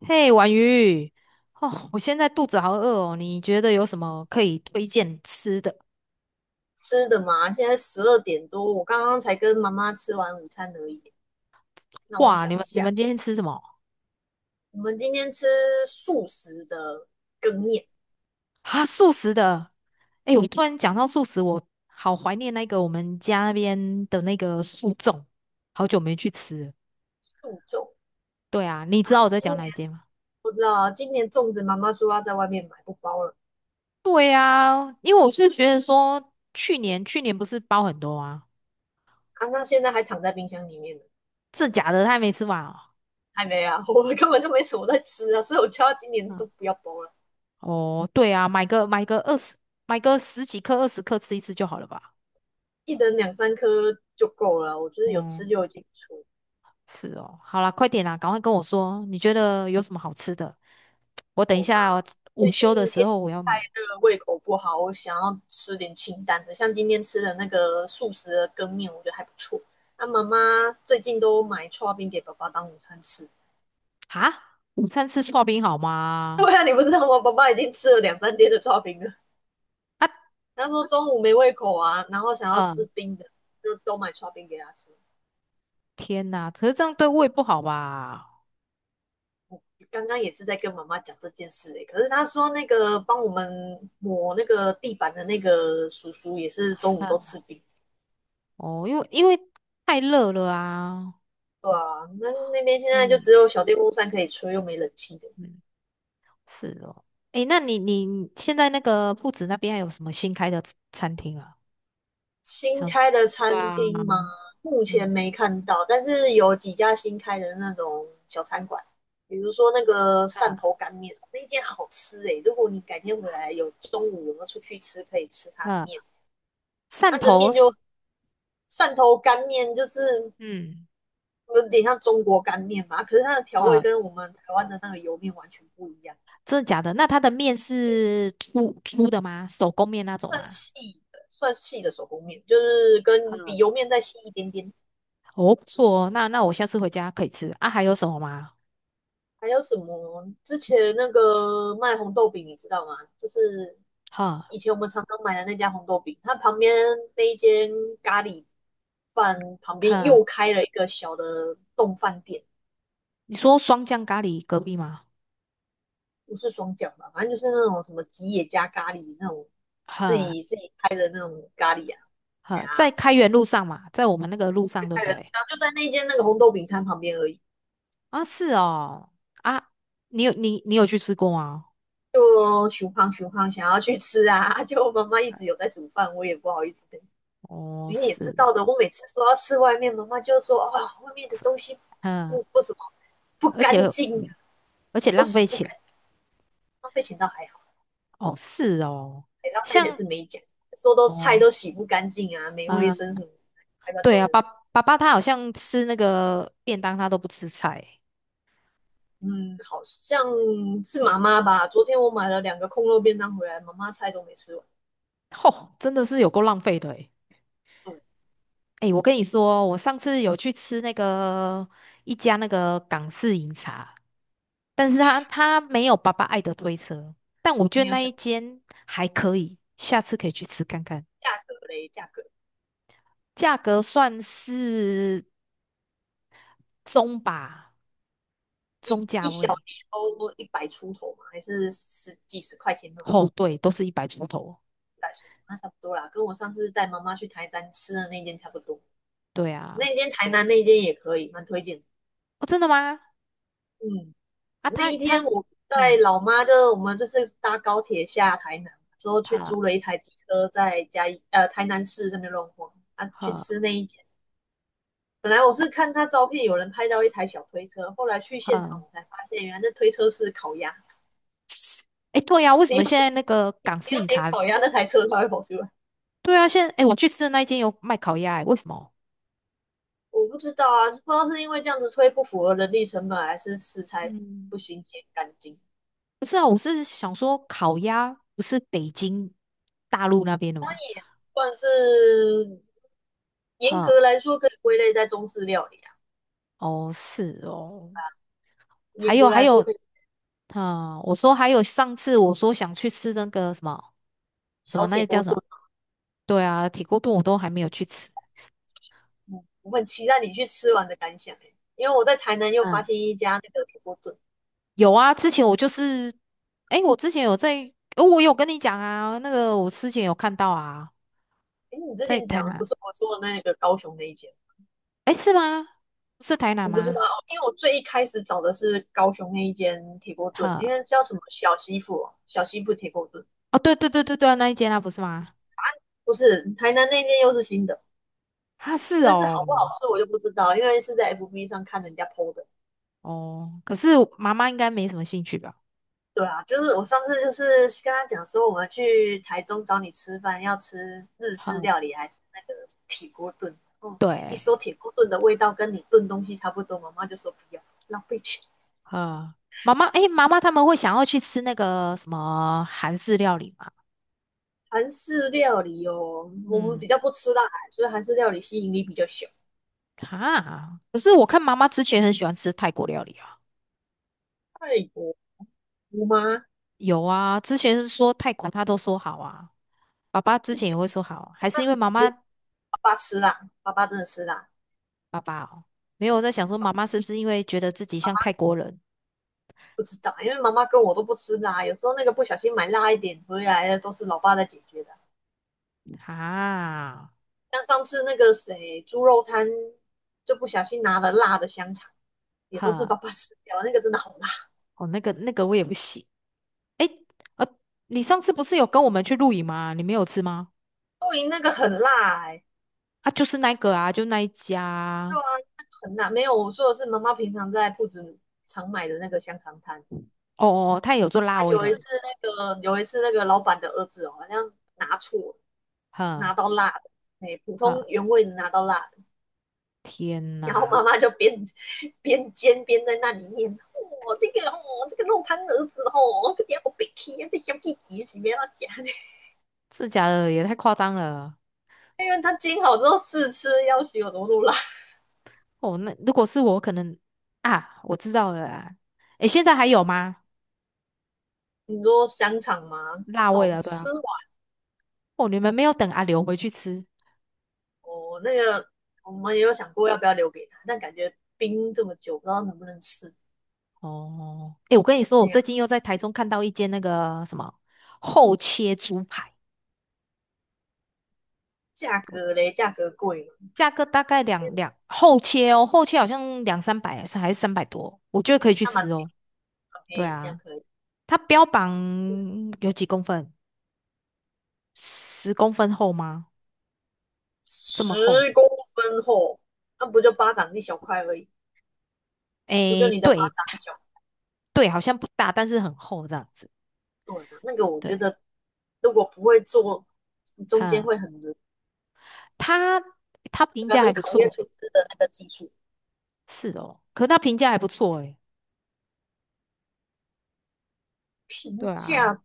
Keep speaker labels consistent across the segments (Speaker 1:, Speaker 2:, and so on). Speaker 1: 嘿，婉瑜，哦，我现在肚子好饿哦，你觉得有什么可以推荐吃的？
Speaker 2: 吃的嘛，现在12点多，我刚刚才跟妈妈吃完午餐而已。那我
Speaker 1: 哇，你
Speaker 2: 想一
Speaker 1: 们你
Speaker 2: 下，
Speaker 1: 们今天吃什么？
Speaker 2: 我们今天吃素食的羹面，
Speaker 1: 啊，素食的。哎，我突然讲到素食，我好怀念那个我们家那边的那个素粽，好久没去吃了。
Speaker 2: 素粽
Speaker 1: 对啊，你
Speaker 2: 啊。
Speaker 1: 知道我在
Speaker 2: 今
Speaker 1: 讲
Speaker 2: 年
Speaker 1: 哪一间吗？
Speaker 2: 不知道啊，今年粽子妈妈说要在外面买，不包了
Speaker 1: 对啊，因为我是觉得说，去年不是包很多啊，
Speaker 2: 啊。那现在还躺在冰箱里面呢，
Speaker 1: 这假的他还没吃完哦。
Speaker 2: 还没啊，我们根本就没什么在吃啊，所以我叫他今年
Speaker 1: 嗯。
Speaker 2: 都不要包了，
Speaker 1: 哦，对啊，买个二十，买个十几克、20克吃一次就好了吧？
Speaker 2: 一人两三颗就够了啊，我觉得有
Speaker 1: 哦、
Speaker 2: 吃就已经不
Speaker 1: 是哦，好啦，快点啦，赶快跟我说，你觉得有什么好吃的？我等一
Speaker 2: 我吗？
Speaker 1: 下我午
Speaker 2: 最
Speaker 1: 休的
Speaker 2: 近
Speaker 1: 时
Speaker 2: 天气
Speaker 1: 候我要
Speaker 2: 太
Speaker 1: 买
Speaker 2: 热，胃口不好，我想要吃点清淡的。像今天吃的那个素食的羹面，我觉得还不错。那妈妈最近都买刨冰给爸爸当午餐吃。
Speaker 1: 哈，午餐吃刨冰好 吗？
Speaker 2: 对啊，你不知道吗？爸爸已经吃了两三天的刨冰了。
Speaker 1: 啊，
Speaker 2: 他说中午没胃口啊，然后想要吃
Speaker 1: 嗯，
Speaker 2: 冰的，就都买刨冰给他吃。
Speaker 1: 天哪，可是这样对胃不好吧？
Speaker 2: 刚刚也是在跟妈妈讲这件事诶、可是他说那个帮我们抹那个地板的那个叔叔也是中午都
Speaker 1: 嗯。
Speaker 2: 吃冰。
Speaker 1: 哦，因为太热了啊。
Speaker 2: 对啊，那那边现在就
Speaker 1: 嗯
Speaker 2: 只有小电风扇可以吹，又没冷气的。
Speaker 1: 嗯，是哦，诶，那你现在那个铺子那边还有什么新开的餐厅啊？
Speaker 2: 新
Speaker 1: 像是
Speaker 2: 开的
Speaker 1: 对
Speaker 2: 餐
Speaker 1: 啊，
Speaker 2: 厅吗？目前
Speaker 1: 嗯，
Speaker 2: 没看到，但是有几家新开的那种小餐馆，比如说那个
Speaker 1: 哈
Speaker 2: 汕头干面，那间好吃诶、欸如果你改天回来有中午有没有出去吃，可以吃它的面。
Speaker 1: 哈汕
Speaker 2: 它的
Speaker 1: 头
Speaker 2: 面
Speaker 1: 是，
Speaker 2: 就汕头干面，就是
Speaker 1: 嗯，
Speaker 2: 有点像中国干面嘛，可是它的调味
Speaker 1: 哈。
Speaker 2: 跟我们台湾的那个油面完全不一样。
Speaker 1: 真的假的？那它的面是粗粗的吗？手工面那种
Speaker 2: 算
Speaker 1: 吗？
Speaker 2: 细的，算细的手工面，就是
Speaker 1: 哈，
Speaker 2: 跟比油面再细一点点。
Speaker 1: 哦，不错哦，那我下次回家可以吃啊。还有什么吗？
Speaker 2: 还有什么？之前那个卖红豆饼，你知道吗？就是
Speaker 1: 哈，
Speaker 2: 以前我们常常买的那家红豆饼，它旁边那一间咖喱饭旁边
Speaker 1: 看
Speaker 2: 又开了一个小的冻饭店，
Speaker 1: 你说双酱咖喱隔壁吗？
Speaker 2: 不是双饺吧？反正就是那种什么吉野家咖喱那种自
Speaker 1: 哈
Speaker 2: 己自己开的那种咖喱啊，哎
Speaker 1: 哈，在
Speaker 2: 呀、
Speaker 1: 开元路上嘛，在我们那个路上，对
Speaker 2: 开
Speaker 1: 不
Speaker 2: 的，
Speaker 1: 对？
Speaker 2: 然后就在那间那个红豆饼摊旁边而已。
Speaker 1: 啊，是哦，啊，你有去吃过吗？
Speaker 2: 就熊胖熊胖想要去吃啊，就妈妈一直有在煮饭，我也不好意思的。
Speaker 1: 哦，
Speaker 2: 你也知
Speaker 1: 是的，
Speaker 2: 道的，我每次说要吃外面，妈妈就说啊，外面的东西
Speaker 1: 嗯，
Speaker 2: 不怎么不
Speaker 1: 而
Speaker 2: 干
Speaker 1: 且
Speaker 2: 净啊，
Speaker 1: 而
Speaker 2: 我
Speaker 1: 且
Speaker 2: 都
Speaker 1: 浪
Speaker 2: 洗
Speaker 1: 费
Speaker 2: 不
Speaker 1: 钱，
Speaker 2: 干净。浪费钱倒还好，
Speaker 1: 哦，是哦，
Speaker 2: 欸浪费钱
Speaker 1: 像
Speaker 2: 是没讲，说都菜
Speaker 1: 哦，
Speaker 2: 都洗不干净啊，没卫
Speaker 1: 啊。
Speaker 2: 生什么，还把
Speaker 1: 对啊，
Speaker 2: 人。
Speaker 1: 爸爸他好像吃那个便当，他都不吃菜。
Speaker 2: 嗯，好像是妈
Speaker 1: 嗯，
Speaker 2: 妈吧。昨天我买了两个空肉便当回来，妈妈菜都没吃完，
Speaker 1: 吼，真的是有够浪费的诶。
Speaker 2: 对，
Speaker 1: 诶，我跟你说，我上次有去吃那个一家那个港式饮茶，但是他没有爸爸爱的推车，但我觉
Speaker 2: 没
Speaker 1: 得
Speaker 2: 有
Speaker 1: 那
Speaker 2: 想
Speaker 1: 一间还可以，下次可以去吃看看，
Speaker 2: 价格嘞，价格。
Speaker 1: 价格算是中吧，中价
Speaker 2: 一小
Speaker 1: 位。
Speaker 2: 碟都一百出头嘛，还是十几十块钱那种
Speaker 1: 哦，对，都是100出头。
Speaker 2: 一百出头，那差不多啦，跟我上次带妈妈去台南吃的那间差不多。
Speaker 1: 对啊，
Speaker 2: 那间台南那间也可以，蛮推荐的。
Speaker 1: 哦，真的吗？
Speaker 2: 嗯，
Speaker 1: 啊，
Speaker 2: 那
Speaker 1: 他
Speaker 2: 一天
Speaker 1: 他，
Speaker 2: 我带
Speaker 1: 嗯，
Speaker 2: 老妈的，我们就是搭高铁下台南，之后去租了
Speaker 1: 他。
Speaker 2: 一台机车在嘉义台南市那边乱晃啊，去
Speaker 1: 好，
Speaker 2: 吃那一间。本来我是看他照片有人拍到一台小推车，后来去现场
Speaker 1: 嗯，
Speaker 2: 我才发现，原来那推车是烤鸭，
Speaker 1: 哎，对呀、为什
Speaker 2: 没有
Speaker 1: 么现在那个港
Speaker 2: 没
Speaker 1: 式
Speaker 2: 有
Speaker 1: 饮
Speaker 2: 点
Speaker 1: 茶？
Speaker 2: 烤鸭，那台车它会跑出来。
Speaker 1: 对啊，现在哎，诶我去吃的那一间有卖烤鸭、诶为什么？
Speaker 2: 我不知道啊，不知道是因为这样子推不符合人力成本，还是食材
Speaker 1: 嗯，
Speaker 2: 不新鲜干净。
Speaker 1: 不是啊，我是想说烤鸭不是北京大陆那边的吗？
Speaker 2: 算是严
Speaker 1: 哈、
Speaker 2: 格来说可以归类在中式料理啊，
Speaker 1: 哦，是哦，还
Speaker 2: 严格
Speaker 1: 有还
Speaker 2: 来说
Speaker 1: 有，
Speaker 2: 可以
Speaker 1: 啊、我说还有上次我说想去吃那个什么什么
Speaker 2: 小
Speaker 1: 那
Speaker 2: 铁
Speaker 1: 个叫
Speaker 2: 锅
Speaker 1: 什么？
Speaker 2: 炖啊。
Speaker 1: 对啊，铁锅炖我都还没有去吃。
Speaker 2: 嗯，我很期待你去吃完的感想、欸、因为我在台南又发
Speaker 1: 嗯，
Speaker 2: 现一家那个铁锅炖。
Speaker 1: 有啊，之前我就是，哎，我之前有在，我有跟你讲啊，那个我之前有看到啊。
Speaker 2: 哎，你之
Speaker 1: 在
Speaker 2: 前
Speaker 1: 台
Speaker 2: 讲的
Speaker 1: 南？
Speaker 2: 不是我说的那个高雄那一间，
Speaker 1: 哎，是吗？是台南
Speaker 2: 我不知道
Speaker 1: 吗？
Speaker 2: 哦，因为我最一开始找的是高雄那一间铁锅炖，因
Speaker 1: 呵，
Speaker 2: 为叫什么小媳妇哦小媳妇铁锅炖，
Speaker 1: 哦，对对对对对啊那一间啊，不是吗？
Speaker 2: 不是台南那间又是新的。
Speaker 1: 啊，是
Speaker 2: 但是
Speaker 1: 哦，
Speaker 2: 好不好吃我就不知道，因为是在 FB 上看人家 PO 的。
Speaker 1: 哦，可是我妈妈应该没什么兴趣吧？
Speaker 2: 对啊，就是我上次就是跟他讲说，我们去台中找你吃饭，要吃日式
Speaker 1: 呵，
Speaker 2: 料理还是那个铁锅炖。哦，一说
Speaker 1: 对，
Speaker 2: 铁锅炖的味道跟你炖东西差不多，妈妈就说不要，浪费钱。
Speaker 1: 呵，妈妈，哎，妈妈他们会想要去吃那个什么韩式料理吗？
Speaker 2: 韩式料理哦，我们
Speaker 1: 嗯，
Speaker 2: 比较不吃辣，所以韩式料理吸引力比较小。
Speaker 1: 哈，可是我看妈妈之前很喜欢吃泰国料理啊，
Speaker 2: 泰国姑妈
Speaker 1: 有啊，之前是说泰国她都说好啊，爸爸之
Speaker 2: 自己
Speaker 1: 前也
Speaker 2: 讲，
Speaker 1: 会说好啊，还是因为妈
Speaker 2: 没
Speaker 1: 妈
Speaker 2: 爸爸吃辣，爸爸真的吃辣，
Speaker 1: 爸爸哦，没有我在想说妈妈是不是因为觉得自己像泰国人
Speaker 2: 不知道，因为妈妈跟我都不吃辣，有时候那个不小心买辣一点回来的，都是老爸在解决的。
Speaker 1: 啊？
Speaker 2: 像上次那个谁猪肉摊，就不小心拿了辣的香肠，也都是
Speaker 1: 哈，
Speaker 2: 爸爸吃掉，那个真的好辣。
Speaker 1: 哦，那个我也不行。哎，呃，你上次不是有跟我们去露营吗？你没有吃吗？
Speaker 2: 露营那个很辣哎、欸
Speaker 1: 啊，就是那个啊，就那一家
Speaker 2: 对啊，
Speaker 1: 啊
Speaker 2: 那个很辣。没有，我说的是妈妈平常在铺子常买的那个香肠摊
Speaker 1: 哦哦，他也有做
Speaker 2: 啊。
Speaker 1: 辣味的。
Speaker 2: 有一次那个老板的儿子哦，好像拿错，拿
Speaker 1: 哈
Speaker 2: 到辣的，哎，欸普通
Speaker 1: 哈，
Speaker 2: 原味的拿到辣的，
Speaker 1: 天
Speaker 2: 然后
Speaker 1: 哪，
Speaker 2: 妈妈就边煎边在那里念："哦，这个哦，这个肉摊儿子哦，这点好别气，这小弟弟是不要夹的，"
Speaker 1: 这假的也太夸张了。
Speaker 2: 因为他煎好之后试吃，要许有多路啦。
Speaker 1: 哦，那如果是我，可能啊，我知道了啦。哎，现在还有吗？
Speaker 2: 你说香肠吗？
Speaker 1: 辣味
Speaker 2: 早
Speaker 1: 的，对啊。
Speaker 2: 吃完
Speaker 1: 哦，你们没有等阿刘回去吃。
Speaker 2: 哦，那个我们也有想过要不要留给他，但感觉冰这么久，不知道能不能吃。
Speaker 1: 哦，哎，我跟你说，我
Speaker 2: 那样
Speaker 1: 最近又在台中看到一间那个什么厚切猪排，
Speaker 2: 价格嘞，价格贵嘛，
Speaker 1: 价格大概
Speaker 2: 我觉
Speaker 1: 两
Speaker 2: 得
Speaker 1: 两厚切哦，厚切好像两三百还是300多，我觉得可以去
Speaker 2: 那
Speaker 1: 吃
Speaker 2: 蛮
Speaker 1: 哦。对
Speaker 2: 便宜，这样
Speaker 1: 啊，
Speaker 2: 可以。
Speaker 1: 它标榜有几公分？10公分厚吗？这么厚？
Speaker 2: 10公分厚，那不就巴掌一小块而已？不就
Speaker 1: 哎，
Speaker 2: 你的巴
Speaker 1: 对
Speaker 2: 掌一小
Speaker 1: 对，好像不大，但是很厚这样子。
Speaker 2: 对啊，那个我觉
Speaker 1: 对，
Speaker 2: 得如果不会做，中间会
Speaker 1: 哈，
Speaker 2: 很
Speaker 1: 他他
Speaker 2: 那
Speaker 1: 评
Speaker 2: 个
Speaker 1: 价
Speaker 2: 很
Speaker 1: 还不
Speaker 2: 考验
Speaker 1: 错，
Speaker 2: 厨师的那个技术。
Speaker 1: 是哦，可他评价还不错诶，
Speaker 2: 评
Speaker 1: 对啊。
Speaker 2: 价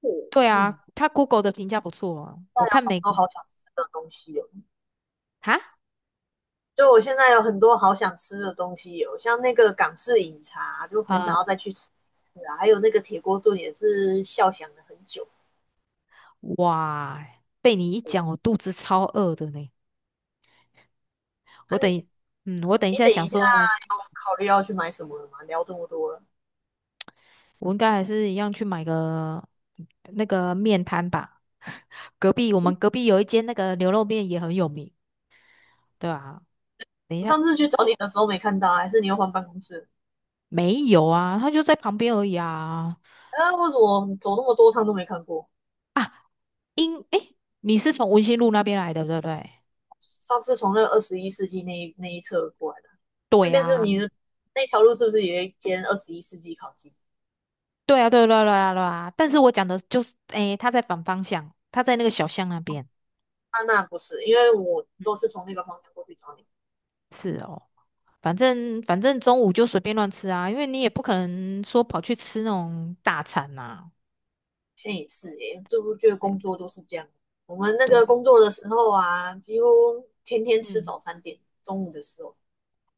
Speaker 2: 过，
Speaker 1: 对啊，
Speaker 2: 嗯，
Speaker 1: 他 Google 的评价不错哦。我
Speaker 2: 大家
Speaker 1: 看
Speaker 2: 好
Speaker 1: 美
Speaker 2: 多
Speaker 1: 国
Speaker 2: 好想吃的东西哦。
Speaker 1: 哈
Speaker 2: 就我现在有很多好想吃的东西哦，像那个港式饮茶，就很想
Speaker 1: 啊、
Speaker 2: 要再去吃一次啊。还有那个铁锅炖也是笑想了很久。
Speaker 1: 哇，被你一讲，我肚子超饿的呢。
Speaker 2: 啊，
Speaker 1: 我等
Speaker 2: 你
Speaker 1: 一嗯，我等一
Speaker 2: 你
Speaker 1: 下
Speaker 2: 等
Speaker 1: 想
Speaker 2: 一下
Speaker 1: 说还是
Speaker 2: 有考虑要去买什么了吗？聊这么多了，
Speaker 1: 我应该还是一样去买个那个面摊吧。我
Speaker 2: 嗯，
Speaker 1: 们隔壁有一间那个牛肉面也很有名，对啊。等一
Speaker 2: 我
Speaker 1: 下
Speaker 2: 上次去找你的时候没看到，还是你又换办公室了？
Speaker 1: 没有啊，它就在旁边而已啊。
Speaker 2: 啊，为什么走那么多趟都没看过？
Speaker 1: 啊，诶，你是从文心路那边来的，对不对？
Speaker 2: 上次从那个二十一世纪那一侧过来的，那
Speaker 1: 对
Speaker 2: 边是
Speaker 1: 啊，
Speaker 2: 你们那条路是不是有一间二十一世纪烤鸡？
Speaker 1: 对啊，对啊对啊对啊对啊，但是我讲的就是，诶，他在反方向，他在那个小巷那边。
Speaker 2: 那不是，因为我
Speaker 1: 嗯
Speaker 2: 都是从那个方向过去找你。
Speaker 1: 是哦，反正中午就随便乱吃啊，因为你也不可能说跑去吃那种大餐呐、
Speaker 2: 现在也是耶，这不觉得
Speaker 1: 哎
Speaker 2: 工作都是这样。我们那
Speaker 1: 对，
Speaker 2: 个工作的时候啊，几乎天天吃
Speaker 1: 嗯，
Speaker 2: 早餐店，中午的时候，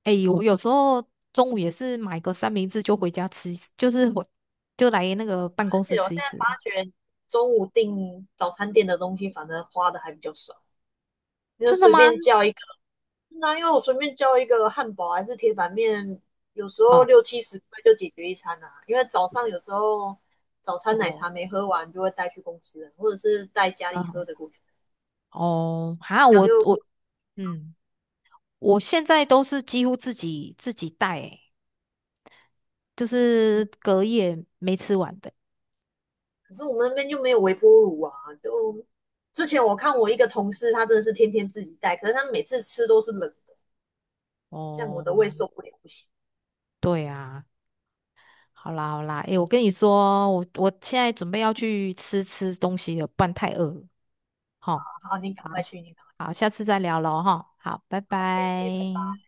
Speaker 1: 诶，我有时候中午也是买个三明治就回家吃一吃就是就来那个
Speaker 2: 而
Speaker 1: 办公室
Speaker 2: 且我
Speaker 1: 吃一
Speaker 2: 现在
Speaker 1: 吃。
Speaker 2: 发觉中午订早餐店的东西，反正花的还比较少，因为
Speaker 1: 真的
Speaker 2: 随
Speaker 1: 吗？
Speaker 2: 便叫一那因为我随便叫一个汉堡还是铁板面，有时候
Speaker 1: 好、
Speaker 2: 60-70块就解决一餐啊。因为早上有时候早餐奶茶
Speaker 1: 哦，
Speaker 2: 没喝完，就会带去公司了或者是带家里喝
Speaker 1: 嗯，
Speaker 2: 的过去。
Speaker 1: 哦，哈，
Speaker 2: 然后
Speaker 1: 我
Speaker 2: 又
Speaker 1: 我嗯，我现在都是几乎自己带、欸。就是隔夜没吃完的。
Speaker 2: 可是我们那边就没有微波炉啊。就之前我看我一个同事，他真的是天天自己带，可是他每次吃都是冷的，这样我的胃
Speaker 1: 哦，
Speaker 2: 受不了，不行。
Speaker 1: 对啊，好啦好啦，诶，我跟你说，我现在准备要去吃吃东西了，不然太饿了。
Speaker 2: 啊。
Speaker 1: 好，
Speaker 2: 好，你赶
Speaker 1: 好，
Speaker 2: 快去，你赶快
Speaker 1: 好，下次再聊喽，哈，好，拜
Speaker 2: 去 o OK，拜
Speaker 1: 拜。
Speaker 2: 拜。